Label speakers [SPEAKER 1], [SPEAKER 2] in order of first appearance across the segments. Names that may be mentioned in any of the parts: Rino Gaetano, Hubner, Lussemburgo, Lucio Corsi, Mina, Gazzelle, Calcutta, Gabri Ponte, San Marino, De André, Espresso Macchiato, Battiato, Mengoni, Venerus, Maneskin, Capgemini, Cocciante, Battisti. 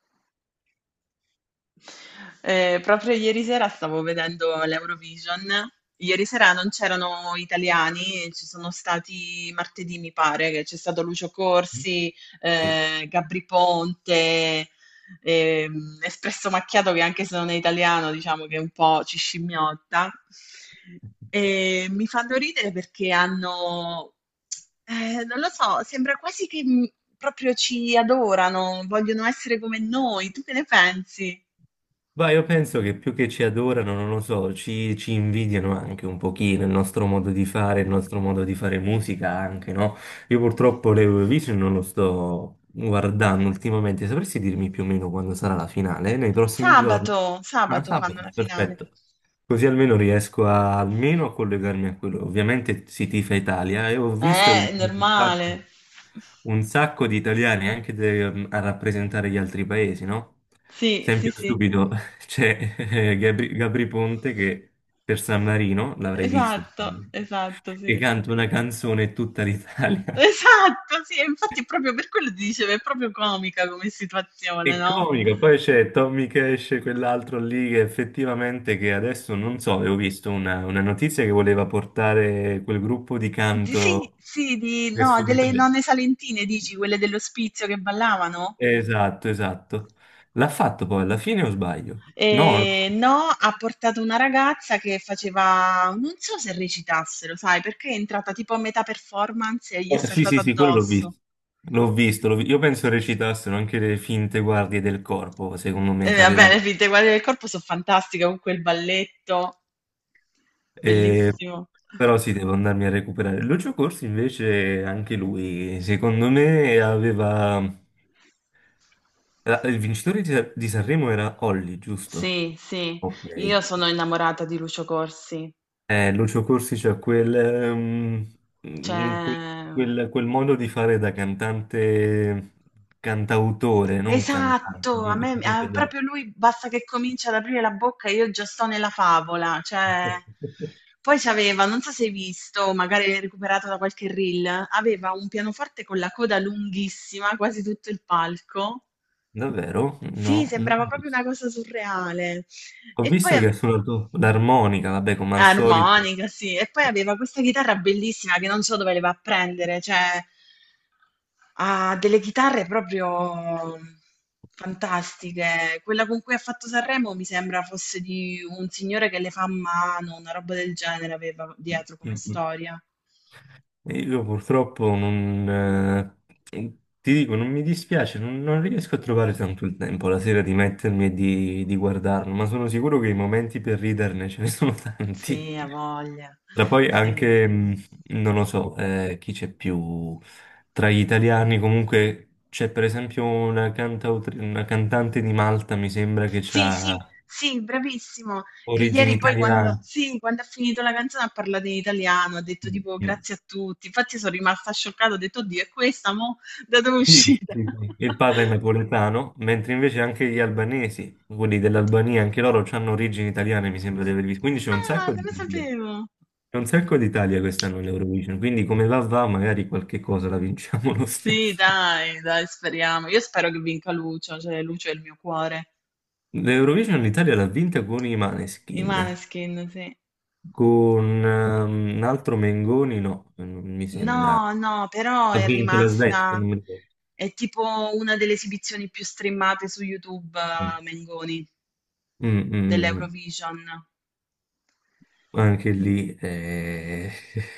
[SPEAKER 1] Essa proprio ieri sera stavo vedendo l'Eurovision. Ieri sera non c'erano italiani, ci sono stati martedì, mi pare, che c'è stato Lucio Corsi,
[SPEAKER 2] Sì.
[SPEAKER 1] Gabri Ponte, Espresso Macchiato, che anche se non è italiano, diciamo che un po' ci scimmiotta. E mi fanno ridere perché hanno, non lo so, sembra quasi che proprio ci adorano, vogliono essere come noi. Tu che ne pensi?
[SPEAKER 2] Ma io penso che più che ci adorano, non lo so, ci invidiano anche un pochino il nostro modo di fare, il nostro modo di fare musica anche, no? Io purtroppo l'Eurovision non lo sto guardando ultimamente, sapresti dirmi più o meno quando sarà la finale? Nei prossimi giorni?
[SPEAKER 1] Sabato,
[SPEAKER 2] Ah,
[SPEAKER 1] sabato fanno
[SPEAKER 2] sabato,
[SPEAKER 1] la finale.
[SPEAKER 2] perfetto. Così almeno riesco almeno a collegarmi a quello. Ovviamente si tifa Italia e ho visto che
[SPEAKER 1] È
[SPEAKER 2] ci sono un sacco.
[SPEAKER 1] normale.
[SPEAKER 2] un sacco di italiani anche a rappresentare gli altri paesi, no?
[SPEAKER 1] Sì, sì,
[SPEAKER 2] Esempio
[SPEAKER 1] sì.
[SPEAKER 2] stupido, c'è Gabri Ponte che per San Marino, l'avrei visto
[SPEAKER 1] Esatto,
[SPEAKER 2] sicuramente,
[SPEAKER 1] esatto,
[SPEAKER 2] che
[SPEAKER 1] sì.
[SPEAKER 2] canta una canzone in tutta l'Italia.
[SPEAKER 1] Esatto, sì, e infatti è proprio per quello ti dicevo, è proprio comica come situazione,
[SPEAKER 2] È
[SPEAKER 1] no?
[SPEAKER 2] comico, poi c'è Tommy Cash, quell'altro lì che effettivamente che adesso non so, avevo visto una notizia che voleva portare quel gruppo di
[SPEAKER 1] Sì,
[SPEAKER 2] canto
[SPEAKER 1] sì, di,
[SPEAKER 2] nel
[SPEAKER 1] no,
[SPEAKER 2] sud
[SPEAKER 1] delle
[SPEAKER 2] Italia.
[SPEAKER 1] nonne salentine, dici, quelle dell'ospizio che ballavano?
[SPEAKER 2] Esatto, esatto. L'ha fatto poi alla fine o sbaglio? No, no.
[SPEAKER 1] No, ha portato una ragazza che faceva non so se recitassero, sai, perché è entrata tipo a metà performance e gli è
[SPEAKER 2] Sì, sì,
[SPEAKER 1] saltata
[SPEAKER 2] sì, quello l'ho
[SPEAKER 1] addosso.
[SPEAKER 2] visto. L'ho visto, io penso recitassero anche le finte guardie del corpo, secondo
[SPEAKER 1] E
[SPEAKER 2] me,
[SPEAKER 1] vabbè, le
[SPEAKER 2] sapevano.
[SPEAKER 1] finte guardie del corpo sono fantastiche con quel balletto,
[SPEAKER 2] Eh,
[SPEAKER 1] bellissimo.
[SPEAKER 2] però sì, devo andarmi a recuperare. Lucio Corsi invece, anche lui, secondo me, aveva. Il vincitore di Sanremo era Olli, giusto?
[SPEAKER 1] Sì, sì,
[SPEAKER 2] Ok.
[SPEAKER 1] io sono innamorata di Lucio Corsi.
[SPEAKER 2] Lucio Corsi c'ha quel,
[SPEAKER 1] Cioè,
[SPEAKER 2] mm, quel- quel- quel modo di fare da cantante, cantautore, non cantante,
[SPEAKER 1] Esatto, a
[SPEAKER 2] no,
[SPEAKER 1] me a
[SPEAKER 2] capite?
[SPEAKER 1] proprio lui basta che comincia ad aprire la bocca e io già sto nella favola, cioè poi c'aveva, non so se hai visto, magari l'hai recuperato da qualche reel, aveva un pianoforte con la coda lunghissima, quasi tutto il palco.
[SPEAKER 2] Davvero?
[SPEAKER 1] Sì,
[SPEAKER 2] No, non
[SPEAKER 1] sembrava
[SPEAKER 2] ho
[SPEAKER 1] proprio
[SPEAKER 2] visto.
[SPEAKER 1] una cosa surreale.
[SPEAKER 2] Ho
[SPEAKER 1] E poi
[SPEAKER 2] visto che
[SPEAKER 1] ave-
[SPEAKER 2] ha suonato l'armonica, vabbè, come al solito.
[SPEAKER 1] armonica, sì, e poi aveva questa chitarra bellissima che non so dove le va a prendere, cioè ha delle chitarre proprio fantastiche. Quella con cui ha fatto Sanremo mi sembra fosse di un signore che le fa a mano, una roba del genere aveva dietro come
[SPEAKER 2] Mm, mm.
[SPEAKER 1] storia.
[SPEAKER 2] E io purtroppo non, ti dico, non mi dispiace, non riesco a trovare tanto il tempo la sera di mettermi e di guardarlo, ma sono sicuro che i momenti per riderne ce ne sono
[SPEAKER 1] Sì,
[SPEAKER 2] tanti.
[SPEAKER 1] ha voglia.
[SPEAKER 2] Tra poi
[SPEAKER 1] Sì.
[SPEAKER 2] anche, non lo so, chi c'è più tra gli italiani, comunque c'è per esempio una una cantante di Malta, mi sembra che
[SPEAKER 1] Sì, sì,
[SPEAKER 2] ha
[SPEAKER 1] sì, bravissimo. Che
[SPEAKER 2] origini
[SPEAKER 1] ieri poi quando,
[SPEAKER 2] italiane.
[SPEAKER 1] sì, quando ha finito la canzone ha parlato in italiano, ha detto
[SPEAKER 2] Mm,
[SPEAKER 1] tipo
[SPEAKER 2] mm.
[SPEAKER 1] grazie a tutti. Infatti sono rimasta scioccata, ho detto, oddio, è questa, mo? Da dove è
[SPEAKER 2] Sì,
[SPEAKER 1] uscita?
[SPEAKER 2] sì, sì. Il padre è napoletano, mentre invece anche gli albanesi, quelli dell'Albania, anche loro hanno origini italiane, mi sembra di aver visto. Quindi c'è un
[SPEAKER 1] Ah,
[SPEAKER 2] sacco di
[SPEAKER 1] non lo
[SPEAKER 2] Italia.
[SPEAKER 1] sapevo.
[SPEAKER 2] C'è un sacco d'Italia quest'anno all'Eurovision, quindi come va va, magari qualche cosa la vinciamo lo
[SPEAKER 1] Sì,
[SPEAKER 2] stesso.
[SPEAKER 1] dai, dai, speriamo. Io spero che vinca Lucio, cioè Lucio è il mio cuore.
[SPEAKER 2] L'Eurovision l'Italia l'ha vinta con i
[SPEAKER 1] I
[SPEAKER 2] Maneskin,
[SPEAKER 1] Maneskin, sì.
[SPEAKER 2] con un altro Mengoni, no, non mi sembra.
[SPEAKER 1] No, no, però
[SPEAKER 2] Ha
[SPEAKER 1] è
[SPEAKER 2] vinto la Svezia,
[SPEAKER 1] rimasta...
[SPEAKER 2] non mi ricordo.
[SPEAKER 1] È tipo una delle esibizioni più streamate su YouTube,
[SPEAKER 2] Mm.
[SPEAKER 1] Mengoni,
[SPEAKER 2] Mm, mm, mm, mm.
[SPEAKER 1] dell'Eurovision.
[SPEAKER 2] Anche lì,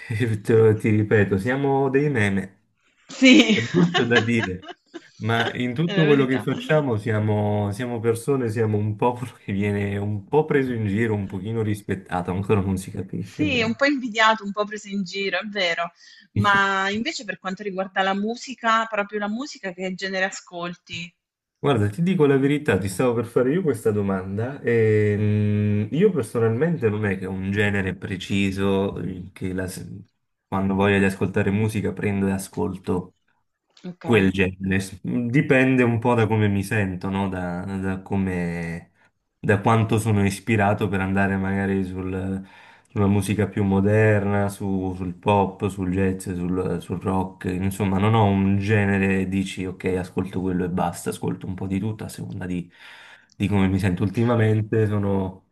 [SPEAKER 2] ti ripeto, siamo dei meme.
[SPEAKER 1] Sì,
[SPEAKER 2] È brutto da dire, ma in
[SPEAKER 1] è la
[SPEAKER 2] tutto quello che
[SPEAKER 1] verità.
[SPEAKER 2] facciamo siamo persone, siamo un popolo che viene un po' preso in giro, un pochino rispettato, ancora non si capisce
[SPEAKER 1] Sì, è un
[SPEAKER 2] bene.
[SPEAKER 1] po' invidiato, un po' preso in giro, è vero. Ma invece per quanto riguarda la musica, proprio la musica, che genere ascolti?
[SPEAKER 2] Guarda, ti dico la verità, ti stavo per fare io questa domanda e io personalmente non è che ho un genere preciso che quando voglio di ascoltare musica prendo e ascolto.
[SPEAKER 1] Ok.
[SPEAKER 2] Quel genere. Dipende un po' da come mi sento, no? Da come, da quanto sono ispirato per andare magari sulla musica più moderna, sul pop, sul jazz, sul rock. Insomma, non ho un genere e dici ok, ascolto quello e basta, ascolto un po' di tutto a seconda di come mi sento ultimamente. Sono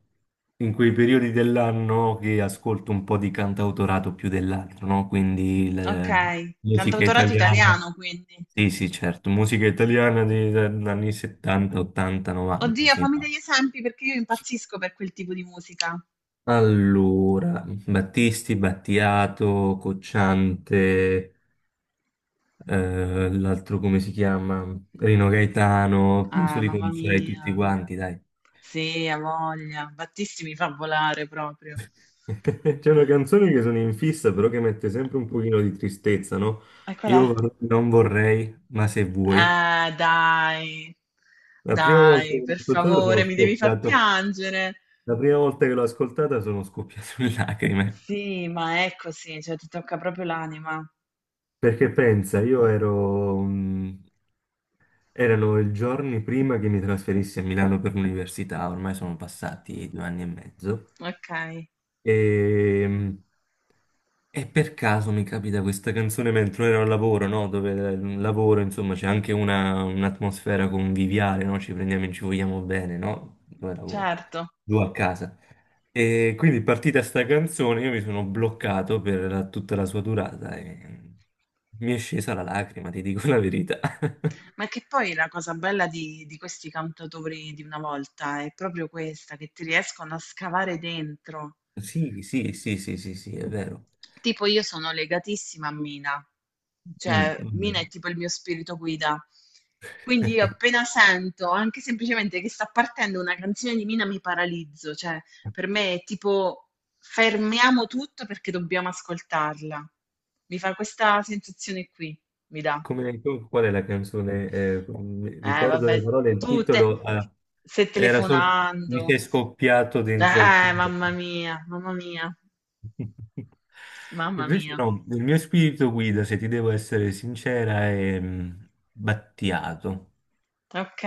[SPEAKER 2] in quei periodi dell'anno che ascolto un po' di cantautorato più dell'altro, no? Quindi
[SPEAKER 1] Ok,
[SPEAKER 2] musica
[SPEAKER 1] cantautorato
[SPEAKER 2] italiana.
[SPEAKER 1] italiano quindi.
[SPEAKER 2] Sì, sì, certo, musica italiana degli anni 70, 80, 90
[SPEAKER 1] Oddio,
[SPEAKER 2] fino
[SPEAKER 1] fammi
[SPEAKER 2] a.
[SPEAKER 1] degli esempi perché io impazzisco per quel tipo di musica.
[SPEAKER 2] Allora, Battisti, Battiato, Cocciante, l'altro come si chiama? Rino Gaetano, penso
[SPEAKER 1] Ah,
[SPEAKER 2] di
[SPEAKER 1] mamma
[SPEAKER 2] conoscere tutti
[SPEAKER 1] mia.
[SPEAKER 2] quanti, dai.
[SPEAKER 1] Sì, ha voglia. Battisti mi fa volare proprio.
[SPEAKER 2] C'è una canzone che sono in fissa, però che mette sempre un pochino di tristezza, no?
[SPEAKER 1] E qual è?
[SPEAKER 2] Non vorrei, ma se vuoi.
[SPEAKER 1] Dai,
[SPEAKER 2] La prima volta che
[SPEAKER 1] dai,
[SPEAKER 2] l'ho
[SPEAKER 1] per
[SPEAKER 2] ascoltata
[SPEAKER 1] favore,
[SPEAKER 2] sono
[SPEAKER 1] mi devi far
[SPEAKER 2] scoppiato.
[SPEAKER 1] piangere.
[SPEAKER 2] La prima volta che l'ho ascoltata sono scoppiato in lacrime.
[SPEAKER 1] Sì, ma è così, cioè ti tocca proprio l'anima.
[SPEAKER 2] Perché pensa, io ero, erano i giorni prima che mi trasferissi a Milano per l'università, ormai sono passati 2 anni e mezzo,
[SPEAKER 1] Ok,
[SPEAKER 2] e, mh, e per caso mi capita questa canzone mentre ero al lavoro, no? Dove il lavoro, insomma, c'è anche un'atmosfera conviviale, no? Ci prendiamo e ci vogliamo bene, no? Dove lavoro?
[SPEAKER 1] certo.
[SPEAKER 2] Giù a casa. E quindi partita sta canzone, io mi sono bloccato per tutta la sua durata e mi è scesa la lacrima, ti dico
[SPEAKER 1] Mh.
[SPEAKER 2] la verità.
[SPEAKER 1] Ma che poi la cosa bella di questi cantautori di una volta è proprio questa, che ti riescono a scavare dentro.
[SPEAKER 2] Sì, sì, sì, sì, sì, sì, è vero.
[SPEAKER 1] Tipo io sono legatissima a Mina,
[SPEAKER 2] Mm,
[SPEAKER 1] cioè Mina è
[SPEAKER 2] mm.
[SPEAKER 1] tipo il mio spirito guida. Quindi io appena sento, anche semplicemente che sta partendo una canzone di Mina, mi paralizzo, cioè per me è tipo fermiamo tutto perché dobbiamo ascoltarla. Mi fa questa sensazione qui, mi dà.
[SPEAKER 2] Come, qual è la canzone? Mi
[SPEAKER 1] Eh
[SPEAKER 2] ricordo
[SPEAKER 1] vabbè,
[SPEAKER 2] le parole, il
[SPEAKER 1] tu te
[SPEAKER 2] titolo
[SPEAKER 1] stai
[SPEAKER 2] era solo Mi
[SPEAKER 1] telefonando.
[SPEAKER 2] sei scoppiato dentro al cuore.
[SPEAKER 1] Mamma mia, mamma mia, mamma
[SPEAKER 2] Invece
[SPEAKER 1] mia.
[SPEAKER 2] no, il mio spirito guida, se ti devo essere sincera, è Battiato.
[SPEAKER 1] Ok.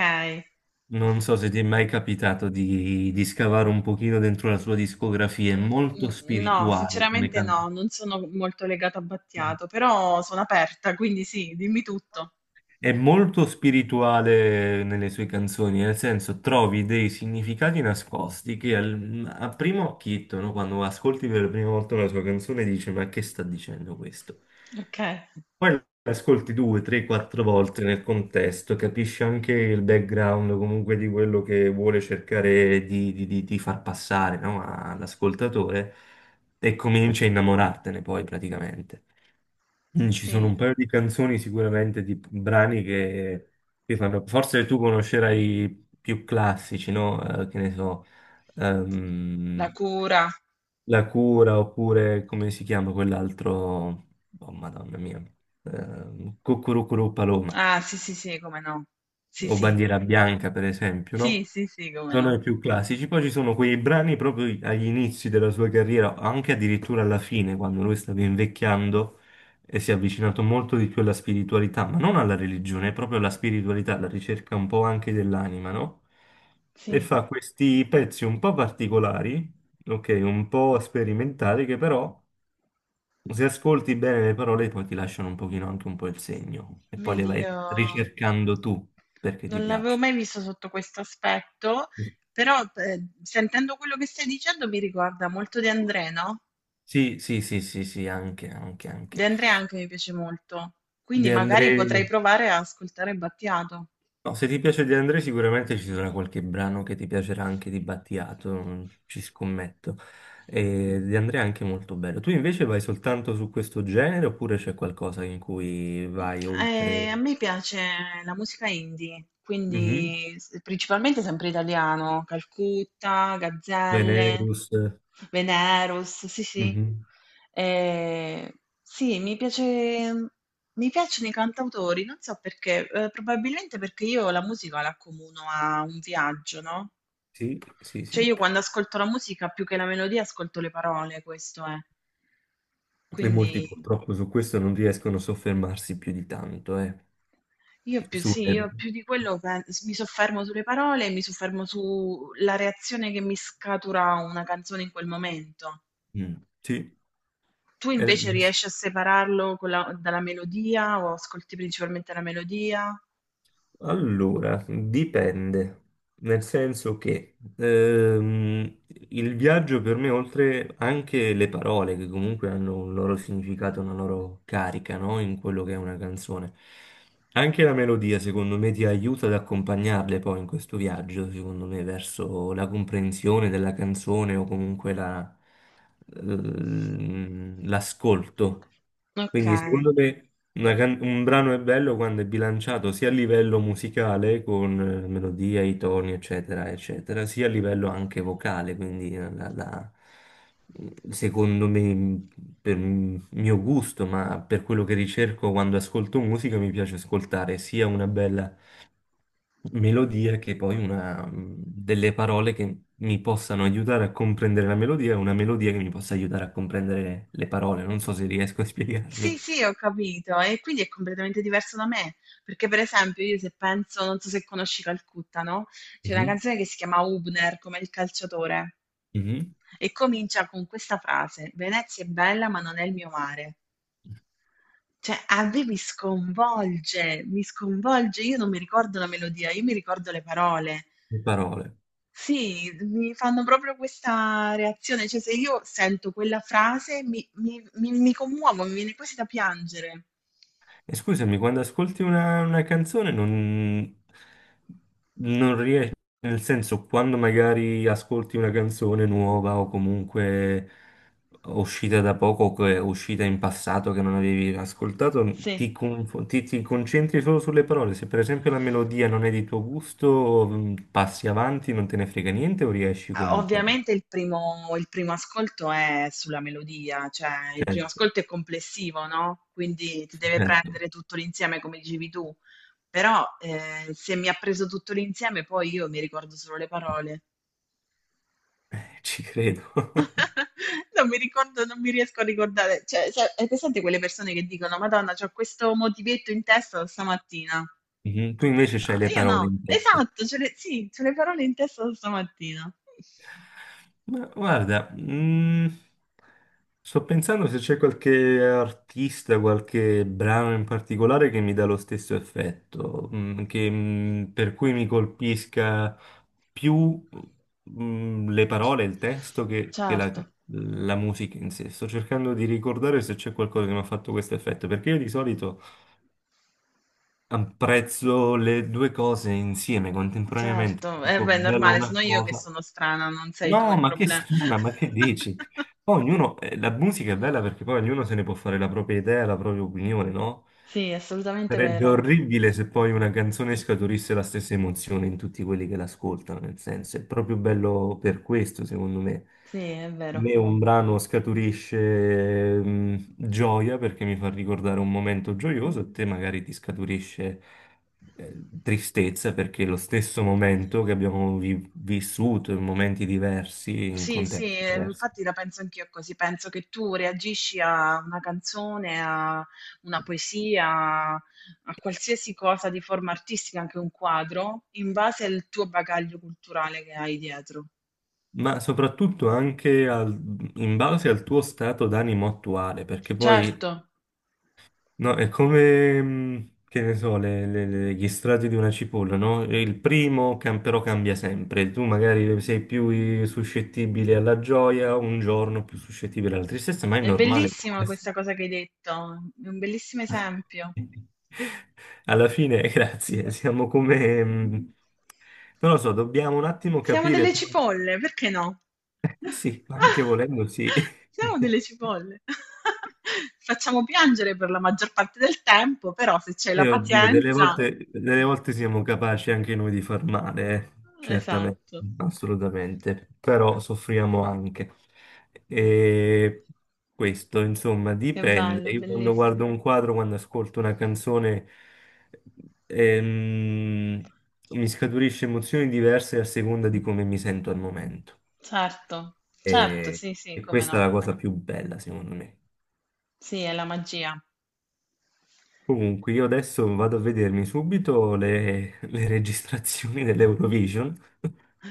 [SPEAKER 2] Non so se ti è mai capitato di, scavare un pochino dentro la sua discografia, è molto
[SPEAKER 1] Mm, no,
[SPEAKER 2] spirituale come
[SPEAKER 1] sinceramente no,
[SPEAKER 2] cantante.
[SPEAKER 1] non sono molto legata a Battiato, però sono aperta, quindi sì, dimmi tutto.
[SPEAKER 2] È molto spirituale nelle sue canzoni, nel senso trovi dei significati nascosti che a primo occhietto, no, quando ascolti per la prima volta una sua canzone, dici ma che sta dicendo questo?
[SPEAKER 1] Ok.
[SPEAKER 2] Poi ascolti 2, 3, 4 volte nel contesto, capisci anche il background comunque di quello che vuole cercare di, di far passare, no, all'ascoltatore e cominci a innamorartene poi praticamente. Ci sono un
[SPEAKER 1] Sì,
[SPEAKER 2] paio di canzoni sicuramente di brani che fanno. Forse tu conoscerai i più classici, no? Che ne so,
[SPEAKER 1] la
[SPEAKER 2] ehm,
[SPEAKER 1] cura.
[SPEAKER 2] La Cura oppure come si chiama quell'altro? Oh, Madonna mia, Cucurucuru Paloma
[SPEAKER 1] Ah, sì, sì, sì, come no. Sì,
[SPEAKER 2] o
[SPEAKER 1] sì.
[SPEAKER 2] Bandiera Bianca, per esempio,
[SPEAKER 1] Sì,
[SPEAKER 2] no?
[SPEAKER 1] sì, sì, come
[SPEAKER 2] Sono
[SPEAKER 1] no.
[SPEAKER 2] i più classici, poi ci sono quei brani proprio agli inizi della sua carriera, anche addirittura alla fine, quando lui stava invecchiando e si è avvicinato molto di più alla spiritualità, ma non alla religione, proprio alla spiritualità, alla ricerca un po' anche dell'anima, no? E
[SPEAKER 1] Sì.
[SPEAKER 2] fa questi pezzi un po' particolari, ok, un po' sperimentali, che però se ascolti bene le parole poi ti lasciano un pochino anche un po' il segno e poi le
[SPEAKER 1] Vedi, io
[SPEAKER 2] vai ricercando tu perché ti
[SPEAKER 1] non l'avevo
[SPEAKER 2] piacciono.
[SPEAKER 1] mai visto sotto questo aspetto, però sentendo quello che stai dicendo mi ricorda molto De André, no?
[SPEAKER 2] Sì, sì, sì, sì, sì, anche, anche,
[SPEAKER 1] De
[SPEAKER 2] anche.
[SPEAKER 1] André anche mi piace molto, quindi
[SPEAKER 2] De
[SPEAKER 1] magari
[SPEAKER 2] André,
[SPEAKER 1] potrei provare a ascoltare Battiato.
[SPEAKER 2] no, se ti piace De André sicuramente ci sarà qualche brano che ti piacerà anche di Battiato, non ci scommetto. E De André è anche molto bello. Tu invece vai soltanto su questo genere oppure c'è qualcosa in cui
[SPEAKER 1] Mh,
[SPEAKER 2] vai oltre?
[SPEAKER 1] a me piace la musica indie,
[SPEAKER 2] Mhm.
[SPEAKER 1] quindi s principalmente sempre italiano, Calcutta, Gazzelle,
[SPEAKER 2] Venerus.
[SPEAKER 1] Venerus, sì, sì.
[SPEAKER 2] Mhm.
[SPEAKER 1] Ehm, sì, mi piacciono i cantautori, non so perché, probabilmente perché io la musica la accomuno a un viaggio, no,
[SPEAKER 2] Sì, sì,
[SPEAKER 1] cioè
[SPEAKER 2] sì.
[SPEAKER 1] io quando ascolto la musica più che la melodia ascolto le parole, questo è.
[SPEAKER 2] E
[SPEAKER 1] Quindi
[SPEAKER 2] molti purtroppo su questo non riescono a soffermarsi più di tanto, eh.
[SPEAKER 1] io più,
[SPEAKER 2] Su.
[SPEAKER 1] sì, io più di quello mi soffermo sulle parole, mi soffermo sulla reazione che mi scatura una canzone in quel momento.
[SPEAKER 2] Mm, sì.
[SPEAKER 1] Tu
[SPEAKER 2] Eh,
[SPEAKER 1] invece riesci a separarlo con dalla melodia o ascolti principalmente la melodia?
[SPEAKER 2] allora, dipende, nel senso che il viaggio per me, oltre anche le parole, che comunque hanno un loro significato, una loro carica, no? In quello che è una canzone, anche la melodia, secondo me, ti aiuta ad accompagnarle poi in questo viaggio, secondo me, verso la comprensione della canzone o comunque l'ascolto.
[SPEAKER 1] Ok.
[SPEAKER 2] Quindi, secondo me. Una un brano è bello quando è bilanciato sia a livello musicale con melodia, i toni, eccetera, eccetera, sia a livello anche vocale, quindi secondo me, per il mio gusto, ma per quello che ricerco quando ascolto musica, mi piace ascoltare sia una bella melodia che poi una, delle parole che mi possano aiutare a comprendere la melodia e una melodia che mi possa aiutare a comprendere le parole. Non so se riesco a
[SPEAKER 1] Sì,
[SPEAKER 2] spiegarmi.
[SPEAKER 1] sì, ho capito. E quindi è completamente diverso da me. Perché, per esempio, io se penso, non so se conosci Calcutta, no? C'è una
[SPEAKER 2] Mhm,
[SPEAKER 1] canzone che si chiama Hubner, come il calciatore,
[SPEAKER 2] mhm.
[SPEAKER 1] e comincia con questa frase: Venezia è bella, ma non è il mio mare. Cioè, a me mi sconvolge, mi sconvolge. Io non mi ricordo la melodia, io mi ricordo le parole.
[SPEAKER 2] Le parole.
[SPEAKER 1] Sì, mi fanno proprio questa reazione. Cioè, se io sento quella frase mi commuovo, mi viene quasi da piangere.
[SPEAKER 2] E scusami, quando ascolti una, canzone non riesci, nel senso, quando magari ascolti una canzone nuova o comunque uscita da poco o che è uscita in passato che non avevi ascoltato,
[SPEAKER 1] Sì.
[SPEAKER 2] ti concentri solo sulle parole. Se per esempio la melodia non è di tuo gusto, passi avanti, non te ne frega niente o riesci
[SPEAKER 1] Ah,
[SPEAKER 2] comunque.
[SPEAKER 1] ovviamente il primo ascolto è sulla melodia, cioè il primo
[SPEAKER 2] Certo,
[SPEAKER 1] ascolto è complessivo, no? Quindi ti deve
[SPEAKER 2] certo,
[SPEAKER 1] prendere tutto l'insieme, come dicevi tu. Però se mi ha preso tutto l'insieme, poi io mi ricordo solo le parole.
[SPEAKER 2] ci credo.
[SPEAKER 1] Non mi ricordo, non mi riesco a ricordare. Cioè, sai, hai presente quelle persone che dicono: Madonna, c'ho questo motivetto in testa da stamattina.
[SPEAKER 2] Mhm. Tu invece c'hai
[SPEAKER 1] Ah,
[SPEAKER 2] le
[SPEAKER 1] io
[SPEAKER 2] parole
[SPEAKER 1] no.
[SPEAKER 2] in testa.
[SPEAKER 1] Esatto, ce le, sì, c'ho le parole in testa da stamattina.
[SPEAKER 2] Ma guarda, sto pensando se c'è qualche artista, qualche brano in particolare che mi dà lo stesso effetto, che, per cui mi colpisca più, le parole, il testo che la,
[SPEAKER 1] Certo,
[SPEAKER 2] la musica in sé. Sto cercando di ricordare se c'è qualcosa che mi ha fatto questo effetto, perché io di solito apprezzo le due cose insieme, contemporaneamente.
[SPEAKER 1] certo. Eh
[SPEAKER 2] Dico
[SPEAKER 1] beh, è
[SPEAKER 2] bella
[SPEAKER 1] normale, sono
[SPEAKER 2] una
[SPEAKER 1] io che
[SPEAKER 2] cosa.
[SPEAKER 1] sono strana, non sei tu
[SPEAKER 2] No,
[SPEAKER 1] il
[SPEAKER 2] ma che
[SPEAKER 1] problema.
[SPEAKER 2] strana, ma che dici? Poi ognuno, la musica è bella perché poi ognuno se ne può fare la propria idea, la propria opinione, no?
[SPEAKER 1] Sì, è assolutamente
[SPEAKER 2] Sarebbe
[SPEAKER 1] vero.
[SPEAKER 2] orribile se poi una canzone scaturisse la stessa emozione in tutti quelli che l'ascoltano, nel senso, è proprio bello per questo, secondo me.
[SPEAKER 1] Sì, è
[SPEAKER 2] A
[SPEAKER 1] vero.
[SPEAKER 2] me un brano scaturisce gioia perché mi fa ricordare un momento gioioso, e te magari ti scaturisce tristezza perché lo stesso momento che abbiamo vissuto in momenti diversi, in
[SPEAKER 1] Sì,
[SPEAKER 2] contesti
[SPEAKER 1] sì,
[SPEAKER 2] diversi,
[SPEAKER 1] infatti la penso anch'io così, penso che tu reagisci a una canzone, a una poesia, a qualsiasi cosa di forma artistica, anche un quadro, in base al tuo bagaglio culturale che hai dietro.
[SPEAKER 2] ma soprattutto anche in base al tuo stato d'animo attuale, perché poi
[SPEAKER 1] Certo,
[SPEAKER 2] no, è come, che ne so, gli strati di una cipolla, no? Il primo però cambia sempre, tu magari sei più suscettibile alla gioia, un giorno più suscettibile alla tristezza, ma è
[SPEAKER 1] è
[SPEAKER 2] normale.
[SPEAKER 1] bellissima questa cosa che hai detto, è un bellissimo esempio.
[SPEAKER 2] Alla fine, grazie, siamo come. Non lo so, dobbiamo un attimo
[SPEAKER 1] Siamo
[SPEAKER 2] capire
[SPEAKER 1] delle
[SPEAKER 2] poi.
[SPEAKER 1] cipolle, perché no?
[SPEAKER 2] Eh sì, anche volendo sì.
[SPEAKER 1] Siamo delle cipolle. Facciamo piangere per la maggior parte del tempo, però se c'è la
[SPEAKER 2] Io, oddio, delle
[SPEAKER 1] pazienza...
[SPEAKER 2] volte, delle volte siamo capaci anche noi di far male, eh. Certamente,
[SPEAKER 1] Esatto,
[SPEAKER 2] assolutamente, però soffriamo anche. E questo, insomma,
[SPEAKER 1] che
[SPEAKER 2] dipende.
[SPEAKER 1] bello,
[SPEAKER 2] Io quando
[SPEAKER 1] bellissimo.
[SPEAKER 2] guardo un quadro, quando ascolto una canzone, ehm, mi scaturisce emozioni diverse a seconda di come mi sento al momento.
[SPEAKER 1] Certo, certo,
[SPEAKER 2] E,
[SPEAKER 1] sì, sì,
[SPEAKER 2] e
[SPEAKER 1] come
[SPEAKER 2] questa è
[SPEAKER 1] no.
[SPEAKER 2] la cosa più bella, secondo me.
[SPEAKER 1] Sì, è la magia.
[SPEAKER 2] Comunque, io adesso vado a vedermi subito le registrazioni dell'Eurovision.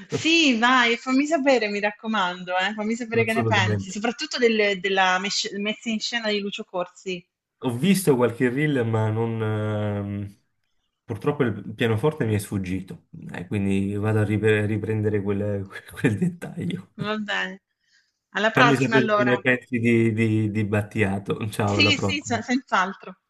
[SPEAKER 1] Sì, vai, fammi sapere, mi raccomando, fammi sapere che ne pensi,
[SPEAKER 2] Assolutamente.
[SPEAKER 1] soprattutto della messa in scena di Lucio Corsi.
[SPEAKER 2] Ho visto qualche reel, ma non, purtroppo il pianoforte mi è sfuggito, quindi vado a riprendere quel, quel dettaglio.
[SPEAKER 1] Va bene. Alla
[SPEAKER 2] Fammi
[SPEAKER 1] prossima
[SPEAKER 2] sapere che
[SPEAKER 1] allora.
[SPEAKER 2] ne pensi di, di Battiato. Ciao, alla
[SPEAKER 1] Sì, sì,
[SPEAKER 2] prossima.
[SPEAKER 1] senz'altro.